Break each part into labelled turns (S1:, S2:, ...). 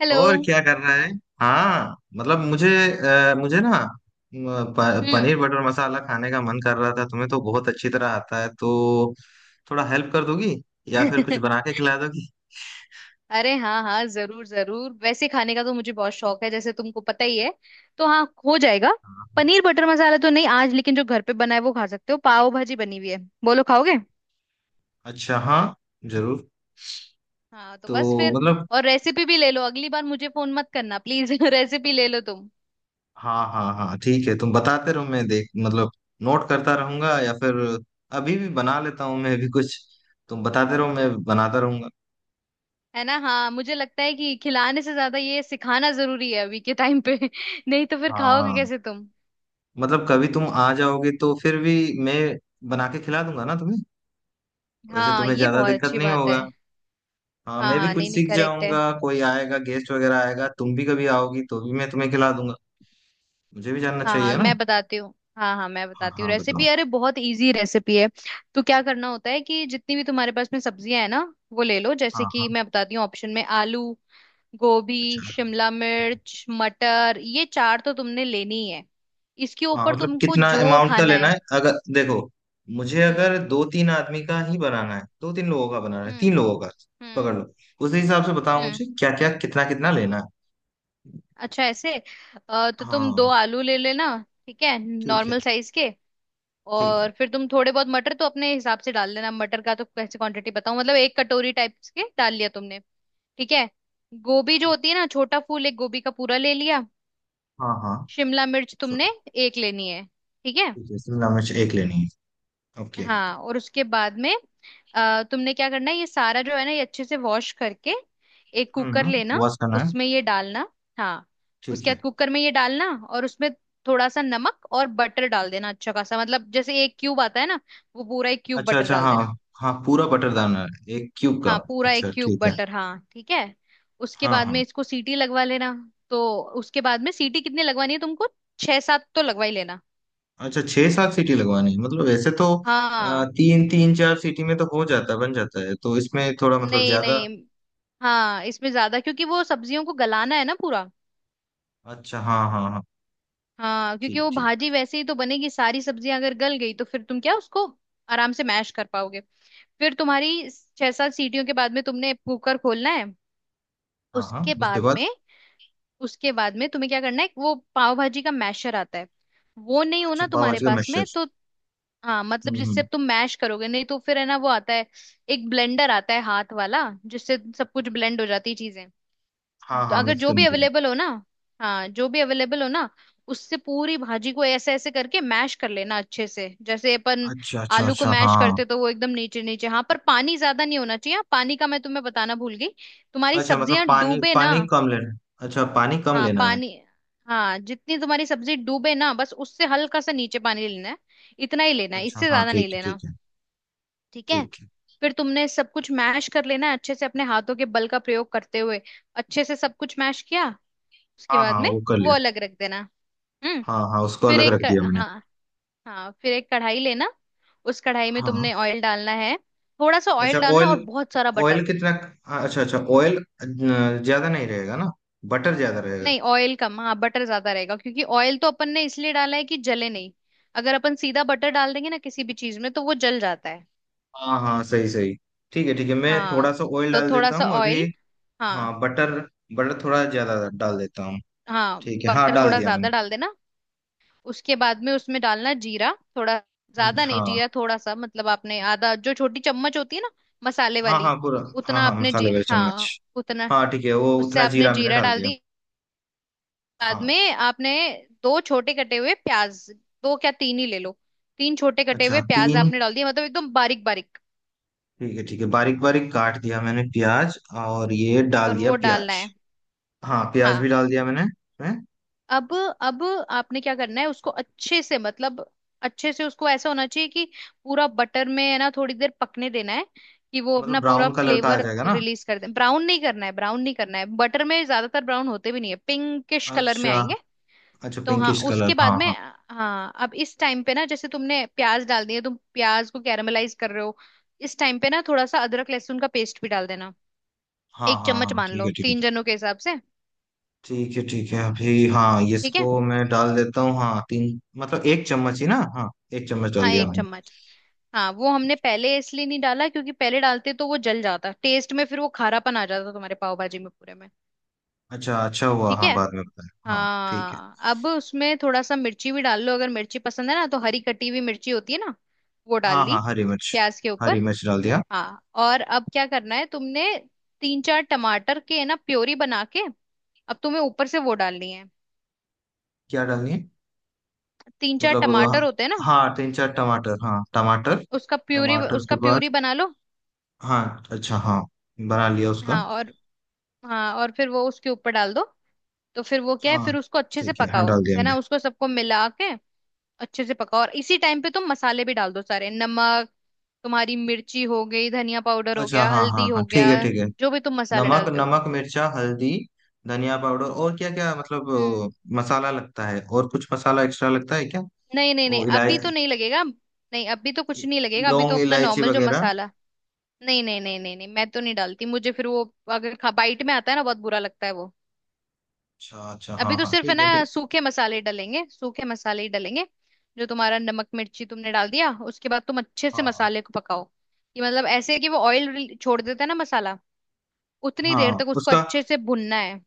S1: Hello.
S2: और क्या कर रहा है। हाँ मतलब मुझे ना।
S1: हम्म।
S2: पनीर बटर मसाला खाने का मन कर रहा था। तुम्हें तो बहुत अच्छी तरह आता है तो थोड़ा हेल्प कर दोगी या फिर कुछ बना के खिला दोगी।
S1: अरे हाँ हाँ, जरूर जरूर। वैसे खाने का तो मुझे बहुत शौक है, जैसे तुमको पता ही है। तो हाँ, हो जाएगा।
S2: हाँ, हाँ।
S1: पनीर बटर मसाला तो नहीं आज, लेकिन जो घर पे बना है वो खा सकते हो। पाव भाजी बनी हुई है, बोलो खाओगे?
S2: अच्छा, हाँ, जरूर।
S1: हाँ तो
S2: तो
S1: बस फिर,
S2: मतलब।
S1: और रेसिपी भी ले लो, अगली बार मुझे फोन मत करना प्लीज। रेसिपी ले लो तुम।
S2: हाँ, हाँ, हाँ, ठीक है, तुम बताते रहो, मैं देख, मतलब नोट करता रहूंगा, या फिर अभी भी बना लेता हूँ मैं भी कुछ। तुम बताते रहो, मैं बनाता रहूंगा।
S1: है ना, हाँ मुझे लगता है कि खिलाने से ज्यादा ये सिखाना जरूरी है अभी के टाइम पे। नहीं तो फिर
S2: हाँ,
S1: खाओगे
S2: हाँ।
S1: कैसे तुम।
S2: मतलब कभी तुम आ जाओगे तो फिर भी मैं बना के खिला दूंगा ना तुम्हें। वैसे
S1: हाँ,
S2: तुम्हें
S1: ये
S2: ज्यादा
S1: बहुत
S2: दिक्कत
S1: अच्छी
S2: नहीं
S1: बात है।
S2: होगा। हाँ,
S1: हाँ
S2: मैं भी
S1: हाँ
S2: कुछ
S1: नहीं नहीं,
S2: सीख
S1: करेक्ट है।
S2: जाऊंगा, कोई आएगा, गेस्ट वगैरह आएगा, तुम भी कभी आओगी तो भी मैं तुम्हें खिला दूंगा। मुझे भी जानना
S1: हाँ हाँ
S2: चाहिए ना।
S1: मैं बताती हूँ। हाँ हाँ मैं
S2: हाँ,
S1: बताती हूँ
S2: हाँ, बताओ।
S1: रेसिपी, अरे बहुत इजी रेसिपी है। तो क्या करना होता है कि जितनी भी तुम्हारे पास में सब्जियां है ना, वो ले लो। जैसे
S2: हाँ, हाँ।
S1: कि मैं बताती हूँ, ऑप्शन में आलू, गोभी,
S2: अच्छा।
S1: शिमला मिर्च, मटर, ये चार तो तुमने लेनी ही है। इसके
S2: हाँ
S1: ऊपर
S2: मतलब
S1: तुमको
S2: कितना
S1: जो
S2: अमाउंट का
S1: खाना
S2: लेना
S1: है।
S2: है अगर देखो। मुझे
S1: हम्म
S2: अगर दो तीन आदमी का ही बनाना है, दो तीन लोगों का बनाना है, तीन
S1: हम्म
S2: लोगों का पकड़
S1: हम्म
S2: लो। उस हिसाब से बताओ
S1: हम्म।
S2: मुझे क्या क्या कितना कितना लेना है।
S1: अच्छा ऐसे, तो तुम दो
S2: हाँ।
S1: आलू ले लेना। ठीक है,
S2: ठीक है।
S1: नॉर्मल साइज के।
S2: ठीक है।
S1: और फिर तुम थोड़े बहुत मटर तो अपने हिसाब से डाल लेना। मटर का तो कैसे क्वांटिटी बताऊं, मतलब एक कटोरी टाइप के डाल लिया तुमने। ठीक है। गोभी जो
S2: ठीक।
S1: होती है ना छोटा फूल, एक गोभी का पूरा ले लिया।
S2: हाँ, हाँ।
S1: शिमला मिर्च
S2: चलो।
S1: तुमने एक लेनी है। ठीक है।
S2: ठीक है, शिमला मिर्च एक लेनी है। ओके।
S1: हाँ और उसके बाद में तुमने क्या करना है, ये सारा जो है ना ये अच्छे से वॉश करके एक कुकर
S2: हम्म।
S1: लेना।
S2: वॉश करना है।
S1: उसमें ये डालना। हाँ,
S2: ठीक
S1: उसके बाद
S2: है।
S1: कुकर में ये डालना। और उसमें थोड़ा सा नमक और बटर डाल देना अच्छा खासा, मतलब जैसे एक क्यूब आता है ना, वो पूरा एक क्यूब
S2: अच्छा,
S1: बटर
S2: अच्छा।
S1: डाल
S2: हाँ,
S1: देना।
S2: हाँ पूरा बटरदाना है एक क्यूब
S1: हाँ
S2: का।
S1: पूरा एक
S2: अच्छा,
S1: क्यूब
S2: ठीक है।
S1: बटर, हाँ ठीक है। उसके
S2: हाँ,
S1: बाद में
S2: हाँ।
S1: इसको सीटी लगवा लेना। तो उसके बाद में सीटी कितनी लगवानी है तुमको? छह सात तो लगवा ही लेना।
S2: अच्छा, छह सात सीटी लगवानी है? मतलब वैसे तो
S1: हाँ।
S2: तीन तीन चार सीटी में तो हो जाता है, बन जाता है, तो इसमें थोड़ा मतलब
S1: नहीं
S2: ज्यादा।
S1: नहीं। हाँ, इसमें ज्यादा क्योंकि वो सब्जियों को गलाना है ना पूरा।
S2: अच्छा, हाँ, हाँ, हाँ।
S1: हाँ क्योंकि
S2: ठीक,
S1: वो
S2: ठीक।
S1: भाजी वैसे ही तो बनेगी, सारी सब्जियां अगर गल गई तो फिर तुम क्या उसको आराम से मैश कर पाओगे। फिर तुम्हारी छह सात सीटियों के बाद में तुमने कुकर खोलना है।
S2: हाँ, हाँ,
S1: उसके
S2: उसके
S1: बाद
S2: बाद?
S1: में, उसके बाद में तुम्हें क्या करना है, वो पाव भाजी का मैशर आता है, वो नहीं हो
S2: अच्छा,
S1: ना
S2: पाव
S1: तुम्हारे
S2: भाजी का
S1: पास
S2: मिक्सचर।
S1: में तो। हाँ मतलब
S2: हम्म,
S1: जिससे अब
S2: हम्म।
S1: तुम मैश करोगे, नहीं तो फिर है ना वो आता है, एक ब्लेंडर आता है हाथ वाला, जिससे सब कुछ ब्लेंड हो जाती है चीजें।
S2: हाँ, हाँ,
S1: अगर
S2: मिक्स
S1: जो भी
S2: करने के लिए।
S1: अवेलेबल हो ना, हाँ जो भी अवेलेबल हो ना, उससे पूरी भाजी को ऐसे ऐसे करके मैश कर लेना अच्छे से, जैसे अपन
S2: अच्छा, अच्छा,
S1: आलू को
S2: अच्छा, हाँ,
S1: मैश
S2: हाँ।
S1: करते तो वो एकदम नीचे नीचे। हाँ पर पानी ज्यादा नहीं होना चाहिए, हाँ, पानी का मैं तुम्हें बताना भूल गई। तुम्हारी
S2: अच्छा मतलब
S1: सब्जियां
S2: पानी
S1: डूबे ना,
S2: पानी कम लेना। अच्छा, पानी कम
S1: हाँ
S2: लेना है।
S1: पानी, हाँ जितनी तुम्हारी सब्जी डूबे ना, बस उससे हल्का सा नीचे पानी लेना है, इतना ही लेना है,
S2: अच्छा,
S1: इससे
S2: हाँ,
S1: ज्यादा
S2: ठीक
S1: नहीं
S2: है,
S1: लेना।
S2: ठीक है।
S1: ठीक है।
S2: ठीक है।
S1: फिर तुमने सब कुछ मैश कर लेना है अच्छे से, अपने हाथों के बल का प्रयोग करते हुए अच्छे से सब कुछ मैश किया, उसके
S2: हाँ,
S1: बाद
S2: हाँ,
S1: में
S2: वो कर
S1: वो
S2: लिया।
S1: अलग रख देना। हम्म।
S2: हाँ, हाँ, उसको
S1: फिर
S2: अलग रख दिया मैंने।
S1: हाँ, हाँ फिर एक कढ़ाई लेना। उस कढ़ाई में तुमने
S2: हाँ।
S1: ऑयल डालना है, थोड़ा सा
S2: अच्छा
S1: ऑयल डालना
S2: ऑयल।
S1: और बहुत सारा
S2: ऑयल
S1: बटर।
S2: कितना? अच्छा, अच्छा ऑयल। ज्यादा नहीं रहेगा ना? बटर ज्यादा रहेगा।
S1: नहीं ऑयल कम, हाँ बटर ज्यादा रहेगा, क्योंकि ऑयल तो अपन ने इसलिए डाला है कि जले नहीं। अगर अपन सीधा बटर डाल देंगे ना किसी भी चीज में तो वो जल जाता है।
S2: हाँ, हाँ, सही सही। ठीक है, ठीक है, मैं
S1: हाँ,
S2: थोड़ा सा ऑयल
S1: तो
S2: डाल
S1: थोड़ा
S2: देता
S1: सा
S2: हूँ अभी।
S1: ऑयल। हाँ
S2: हाँ, बटर। बटर थोड़ा ज्यादा डाल देता हूँ।
S1: हाँ
S2: ठीक है, हाँ
S1: बटर
S2: डाल
S1: थोड़ा
S2: दिया
S1: ज्यादा
S2: मैंने।
S1: डाल देना। उसके बाद में उसमें डालना जीरा थोड़ा, ज्यादा नहीं
S2: हाँ,
S1: जीरा थोड़ा सा, मतलब आपने आधा जो छोटी चम्मच होती है ना मसाले
S2: हाँ,
S1: वाली,
S2: हाँ पूरा। हाँ,
S1: उतना।
S2: हाँ,
S1: आपने
S2: मसाले
S1: जी
S2: वाले चम्मच।
S1: हाँ उतना।
S2: हाँ ठीक है, वो
S1: उससे
S2: उतना
S1: आपने
S2: जीरा मैंने
S1: जीरा
S2: डाल
S1: डाल
S2: दिया।
S1: दी। बाद
S2: हाँ।
S1: में आपने दो छोटे कटे हुए प्याज, दो क्या तीन ही ले लो, तीन छोटे कटे
S2: अच्छा,
S1: हुए प्याज
S2: तीन।
S1: आपने डाल दिए, मतलब एकदम बारीक बारीक।
S2: ठीक है, ठीक है, बारीक बारीक काट दिया मैंने प्याज। और ये डाल
S1: और
S2: दिया
S1: वो डालना
S2: प्याज।
S1: है।
S2: हाँ, प्याज
S1: हाँ।
S2: भी डाल दिया मैंने। हैं?
S1: अब अब आपने क्या करना है, उसको अच्छे से मतलब अच्छे से उसको ऐसा होना चाहिए कि पूरा बटर में है ना थोड़ी देर पकने देना है कि वो
S2: मतलब
S1: अपना पूरा
S2: ब्राउन कलर का आ
S1: फ्लेवर
S2: जाएगा ना?
S1: रिलीज कर दे। ब्राउन नहीं करना है, ब्राउन नहीं करना है, बटर में ज्यादातर ब्राउन होते भी नहीं है, पिंकिश कलर में
S2: अच्छा।
S1: आएंगे।
S2: अच्छा,
S1: तो हाँ
S2: पिंकिश कलर,
S1: उसके बाद
S2: हाँ,
S1: में,
S2: हाँ।
S1: हाँ अब इस टाइम पे ना जैसे तुमने प्याज डाल दिए, तुम प्याज को कैरामलाइज कर रहे हो, इस टाइम पे ना थोड़ा सा अदरक लहसुन का पेस्ट भी डाल देना,
S2: हाँ,
S1: एक
S2: हाँ,
S1: चम्मच,
S2: हाँ,
S1: मान
S2: ठीक
S1: लो
S2: है, ठीक
S1: तीन
S2: है।
S1: जनों के हिसाब से।
S2: ठीक, ठीक है, ठीक है, अभी। हाँ, ये
S1: ठीक है,
S2: इसको मैं डाल देता हूँ। हाँ, तीन मतलब एक चम्मच ही ना? हाँ, एक चम्मच डाल
S1: हाँ
S2: दिया
S1: एक
S2: मैंने।
S1: चम्मच। हाँ वो हमने पहले इसलिए नहीं डाला क्योंकि पहले डालते तो वो जल जाता टेस्ट में, फिर वो खारापन आ जाता तुम्हारे पाव भाजी में पूरे में।
S2: अच्छा, अच्छा हुआ,
S1: ठीक
S2: हाँ
S1: है।
S2: बाद में बताया। हाँ, ठीक है।
S1: हाँ, अब उसमें थोड़ा सा मिर्ची भी डाल लो अगर मिर्ची पसंद है ना, तो हरी कटी हुई मिर्ची होती है ना, वो डाल
S2: हाँ,
S1: ली
S2: हाँ, हरी मिर्च।
S1: प्याज के ऊपर।
S2: हरी मिर्च डाल दिया।
S1: हाँ और अब क्या करना है तुमने, तीन चार टमाटर के है ना प्योरी बना के, अब तुम्हें ऊपर से वो डालनी है।
S2: क्या डालनी है?
S1: तीन चार
S2: मतलब
S1: टमाटर होते हैं ना,
S2: हाँ, तीन चार टमाटर, हाँ टमाटर।
S1: उसका प्यूरी,
S2: टमाटर
S1: उसका
S2: के बाद?
S1: प्यूरी बना लो।
S2: हाँ, अच्छा, हाँ। बना लिया उसका।
S1: हाँ, और हाँ और फिर वो उसके ऊपर डाल दो, तो फिर वो क्या है
S2: हाँ,
S1: फिर उसको अच्छे से
S2: ठीक है, हाँ
S1: पकाओ
S2: डाल दिया
S1: है
S2: मैं।
S1: ना, उसको सबको मिला के अच्छे से पकाओ। और इसी टाइम पे तुम मसाले भी डाल दो सारे, नमक, तुम्हारी मिर्ची हो गई, धनिया पाउडर हो
S2: अच्छा,
S1: गया,
S2: हाँ, हाँ,
S1: हल्दी
S2: हाँ,
S1: हो
S2: ठीक
S1: गया,
S2: है, ठीक है।
S1: जो भी तुम मसाले
S2: नमक,
S1: डालते हो।
S2: नमक, मिर्चा, हल्दी, धनिया पाउडर और क्या क्या मतलब
S1: हम्म।
S2: अ, मसाला लगता है? और कुछ मसाला एक्स्ट्रा लगता है क्या?
S1: नहीं नहीं नहीं,
S2: वो
S1: अभी तो
S2: इलायची,
S1: नहीं लगेगा, नहीं अभी तो कुछ नहीं लगेगा, अभी तो
S2: लौंग
S1: अपना
S2: इलायची
S1: नॉर्मल जो
S2: वगैरह?
S1: मसाला। नहीं नहीं नहीं नहीं नहीं, मैं तो नहीं डालती मुझे, फिर वो अगर खा बाइट में आता है ना बहुत बुरा लगता है वो।
S2: अच्छा, अच्छा,
S1: अभी
S2: हाँ,
S1: तो
S2: हाँ,
S1: सिर्फ है
S2: ठीक
S1: ना
S2: है, ठीक।
S1: सूखे मसाले डलेंगे, सूखे मसाले ही डलेंगे। जो तुम्हारा नमक मिर्ची तुमने डाल दिया, उसके बाद तुम अच्छे से
S2: हाँ,
S1: मसाले को पकाओ, कि मतलब ऐसे कि वो ऑयल छोड़ देता है ना मसाला, उतनी देर
S2: हाँ,
S1: तक उसको
S2: उसका
S1: अच्छे से भुनना है।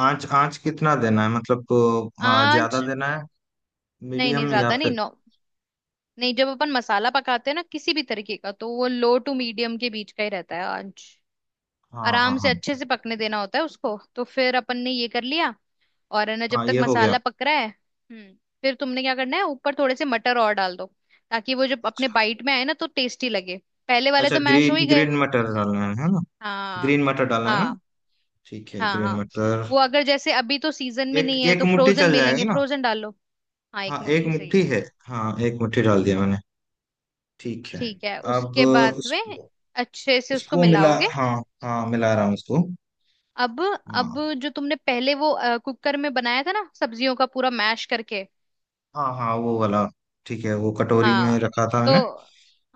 S2: आंच। आंच कितना देना है मतलब ज्यादा
S1: आंच,
S2: देना है?
S1: नहीं नहीं
S2: मीडियम या
S1: ज्यादा नहीं,
S2: फिर?
S1: नो। नहीं, जब अपन मसाला पकाते हैं ना किसी भी तरीके का, तो वो लो टू मीडियम के बीच का ही रहता है आंच।
S2: हाँ, हाँ,
S1: आराम से
S2: हाँ,
S1: अच्छे
S2: ठीक।
S1: से पकने देना होता है उसको, तो फिर अपन ने ये कर लिया। और है ना जब
S2: हाँ,
S1: तक
S2: ये हो गया।
S1: मसाला पक रहा है। हम्म। फिर तुमने क्या करना है, ऊपर थोड़े से मटर और डाल दो, ताकि वो जब अपने
S2: अच्छा।
S1: बाइट में आए ना तो टेस्टी लगे। पहले वाले
S2: अच्छा,
S1: तो मैश हो
S2: ग्रीन
S1: ही गए।
S2: ग्रीन मटर डालना है ना?
S1: हाँ।
S2: ग्रीन मटर डालना है ना?
S1: हाँ
S2: ठीक है,
S1: हाँ।
S2: ग्रीन
S1: हाँ,
S2: मटर।
S1: वो अगर जैसे अभी तो सीजन में
S2: एक
S1: नहीं है
S2: एक
S1: तो
S2: मुट्ठी
S1: फ्रोजन
S2: चल
S1: मिलेंगे,
S2: जाएगा ना?
S1: फ्रोजन डालो। हाँ एक
S2: हाँ, एक
S1: मुट्ठी सही
S2: मुट्ठी
S1: है।
S2: है। हाँ, एक मुट्ठी डाल दिया मैंने। ठीक है।
S1: ठीक है
S2: अब
S1: उसके बाद में अच्छे से उसको
S2: उसको मिला,
S1: मिलाओगे।
S2: हाँ। हाँ, मिला रहा हूँ उसको।
S1: अब
S2: हाँ,
S1: अब जो तुमने पहले वो कुकर में बनाया था ना, सब्जियों का पूरा मैश करके।
S2: हाँ, हाँ वो वाला। ठीक है, वो कटोरी में
S1: हाँ,
S2: रखा था
S1: तो
S2: मैंने।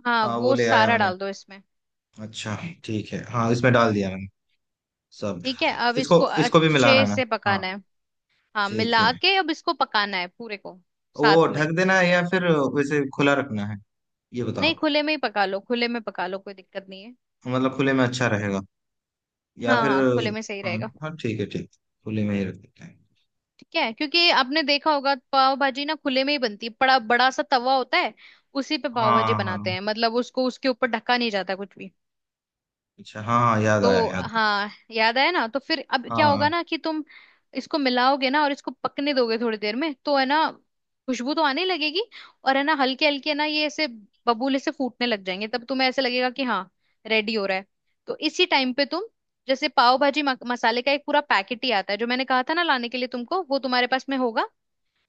S1: हाँ
S2: हाँ, वो
S1: वो
S2: ले आया
S1: सारा
S2: मैंने।
S1: डाल दो इसमें।
S2: अच्छा। ठीक है, हाँ इसमें डाल दिया मैंने सब।
S1: ठीक है अब
S2: इसको
S1: इसको
S2: इसको भी मिलाना
S1: अच्छे
S2: है ना?
S1: से
S2: हाँ।
S1: पकाना है। हाँ
S2: ठीक है,
S1: मिला के अब इसको पकाना है पूरे को
S2: वो
S1: साथ में।
S2: ढक देना है या फिर वैसे खुला रखना है? ये
S1: नहीं
S2: बताओ।
S1: खुले में ही पका लो, खुले में पका लो, कोई दिक्कत नहीं है।
S2: मतलब खुले में अच्छा रहेगा या
S1: हाँ
S2: फिर?
S1: हाँ खुले में सही
S2: हाँ,
S1: रहेगा।
S2: हाँ, ठीक है, ठीक। खुले में ही रख देते हैं।
S1: ठीक है, क्योंकि आपने देखा होगा पाव भाजी ना खुले में ही बनती है, बड़ा बड़ा सा तवा होता है उसी पे पाव भाजी
S2: हाँ,
S1: बनाते
S2: हाँ।
S1: हैं, मतलब उसको उसके ऊपर ढका नहीं जाता कुछ भी।
S2: अच्छा, हाँ, याद आया,
S1: तो
S2: याद आया।
S1: हाँ याद आया ना, तो फिर अब क्या होगा
S2: हाँ।
S1: ना कि तुम इसको मिलाओगे ना और इसको पकने दोगे, थोड़ी देर में तो है ना खुशबू तो आने लगेगी। और है ना हल्के हल्के ना ये ऐसे बबूले से फूटने लग जाएंगे, तब तुम्हें ऐसे लगेगा कि हाँ रेडी हो रहा है। तो इसी टाइम पे तुम, जैसे पाव भाजी मसाले का एक पूरा पैकेट ही आता है जो मैंने कहा था ना लाने के लिए तुमको, वो तुम्हारे पास में होगा,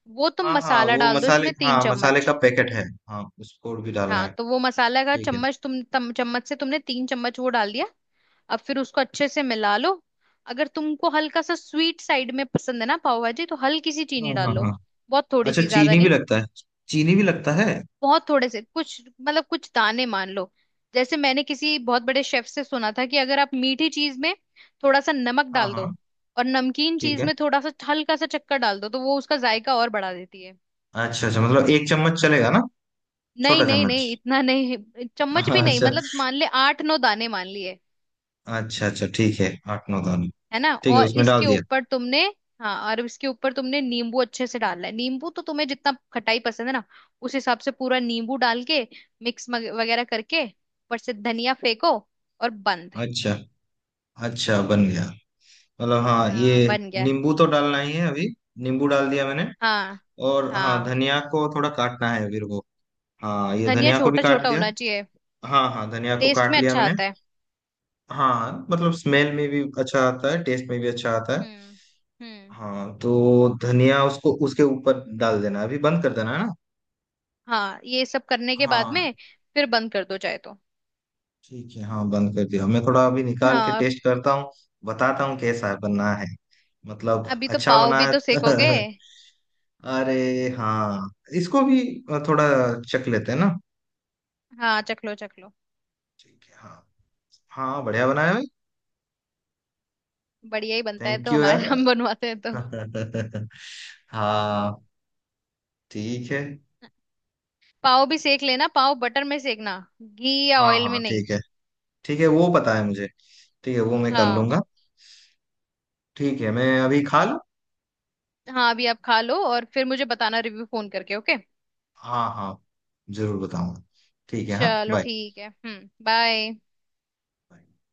S1: वो तुम
S2: हाँ, हाँ,
S1: मसाला
S2: वो
S1: डाल दो
S2: मसाले,
S1: इसमें,
S2: हाँ
S1: तीन
S2: मसाले
S1: चम्मच।
S2: का पैकेट है। हाँ, उसको भी डालना
S1: हाँ
S2: है?
S1: तो वो मसाला का
S2: ठीक है।
S1: चम्मच तुम चम्मच से तुमने तीन चम्मच वो डाल दिया। अब फिर उसको अच्छे से मिला लो। अगर तुमको हल्का सा स्वीट साइड में पसंद है ना पाव भाजी, तो हल्की सी चीनी
S2: हाँ, हाँ,
S1: डालो,
S2: हाँ।
S1: बहुत थोड़ी
S2: अच्छा,
S1: सी, ज्यादा
S2: चीनी भी
S1: नहीं।
S2: लगता है? चीनी भी लगता है?
S1: बहुत थोड़े से, कुछ मतलब कुछ दाने मान लो। जैसे मैंने किसी बहुत बड़े शेफ से सुना था, कि अगर आप मीठी चीज में थोड़ा सा नमक
S2: हाँ,
S1: डाल
S2: हाँ।
S1: दो और नमकीन
S2: ठीक
S1: चीज
S2: है।
S1: में थोड़ा सा हल्का सा चक्कर डाल दो तो वो उसका जायका और बढ़ा देती है।
S2: अच्छा, अच्छा मतलब एक चम्मच चलेगा ना?
S1: नहीं
S2: छोटा
S1: नहीं
S2: चम्मच?
S1: नहीं इतना नहीं, चम्मच भी नहीं,
S2: अच्छा।
S1: मतलब मान ले आठ नौ दाने मान लिए।
S2: अच्छा, अच्छा, ठीक है। आठ नौ दाने।
S1: है ना,
S2: ठीक है,
S1: और
S2: उसमें
S1: इसके
S2: डाल दिया।
S1: ऊपर तुमने, हाँ और इसके ऊपर तुमने नींबू अच्छे से डालना है। नींबू तो तुम्हें जितना खटाई पसंद है ना, उस हिसाब से पूरा नींबू डाल के मिक्स वगैरह करके ऊपर से धनिया फेंको, और बंद।
S2: अच्छा। अच्छा, बन गया? मतलब, हाँ,
S1: हाँ
S2: ये।
S1: बन गया।
S2: नींबू तो डालना ही है अभी। नींबू डाल दिया मैंने।
S1: हाँ
S2: और हाँ,
S1: हाँ,
S2: धनिया को थोड़ा काटना है फिर वो। हाँ, ये
S1: धनिया
S2: धनिया को भी
S1: छोटा
S2: काट
S1: छोटा
S2: दिया।
S1: होना चाहिए,
S2: हाँ, हाँ, धनिया को
S1: टेस्ट
S2: काट
S1: में
S2: लिया
S1: अच्छा
S2: मैंने।
S1: आता है।
S2: हाँ मतलब स्मेल में भी अच्छा आता है, टेस्ट में भी अच्छा आता है।
S1: हम्म हम्म।
S2: हाँ तो धनिया उसको उसके ऊपर डाल देना, अभी बंद कर देना है ना?
S1: हाँ ये सब करने के बाद
S2: हाँ।
S1: में फिर बंद कर दो चाहे तो।
S2: ठीक है, हाँ बंद कर दिया मैं। थोड़ा अभी निकाल के
S1: हाँ
S2: टेस्ट करता हूँ, बताता हूँ कैसा बना है। मतलब
S1: अभी तो
S2: अच्छा
S1: पाव
S2: बना
S1: भी तो सेकोगे।
S2: है। अरे, हाँ। इसको भी थोड़ा चख लेते हैं ना।
S1: हाँ चख लो चख लो।
S2: ठीक है, हाँ। हाँ, बढ़िया बनाया भाई।
S1: बढ़िया ही बनता है
S2: थैंक
S1: तो
S2: यू
S1: हमारा,
S2: यार।
S1: हम बनवाते हैं तो।
S2: हाँ। ठीक है।
S1: पाव भी सेक लेना, पाव बटर में सेकना घी या
S2: हाँ,
S1: ऑयल में
S2: हाँ,
S1: नहीं।
S2: ठीक है। ठीक है वो पता है मुझे। ठीक है, वो मैं कर
S1: हाँ
S2: लूंगा। ठीक है, मैं अभी खा लूँ।
S1: हाँ अभी आप खा लो और फिर मुझे बताना रिव्यू फोन करके, ओके।
S2: हाँ, हाँ, जरूर बताऊंगा। ठीक है, हाँ,
S1: चलो
S2: बाय।
S1: ठीक है, बाय।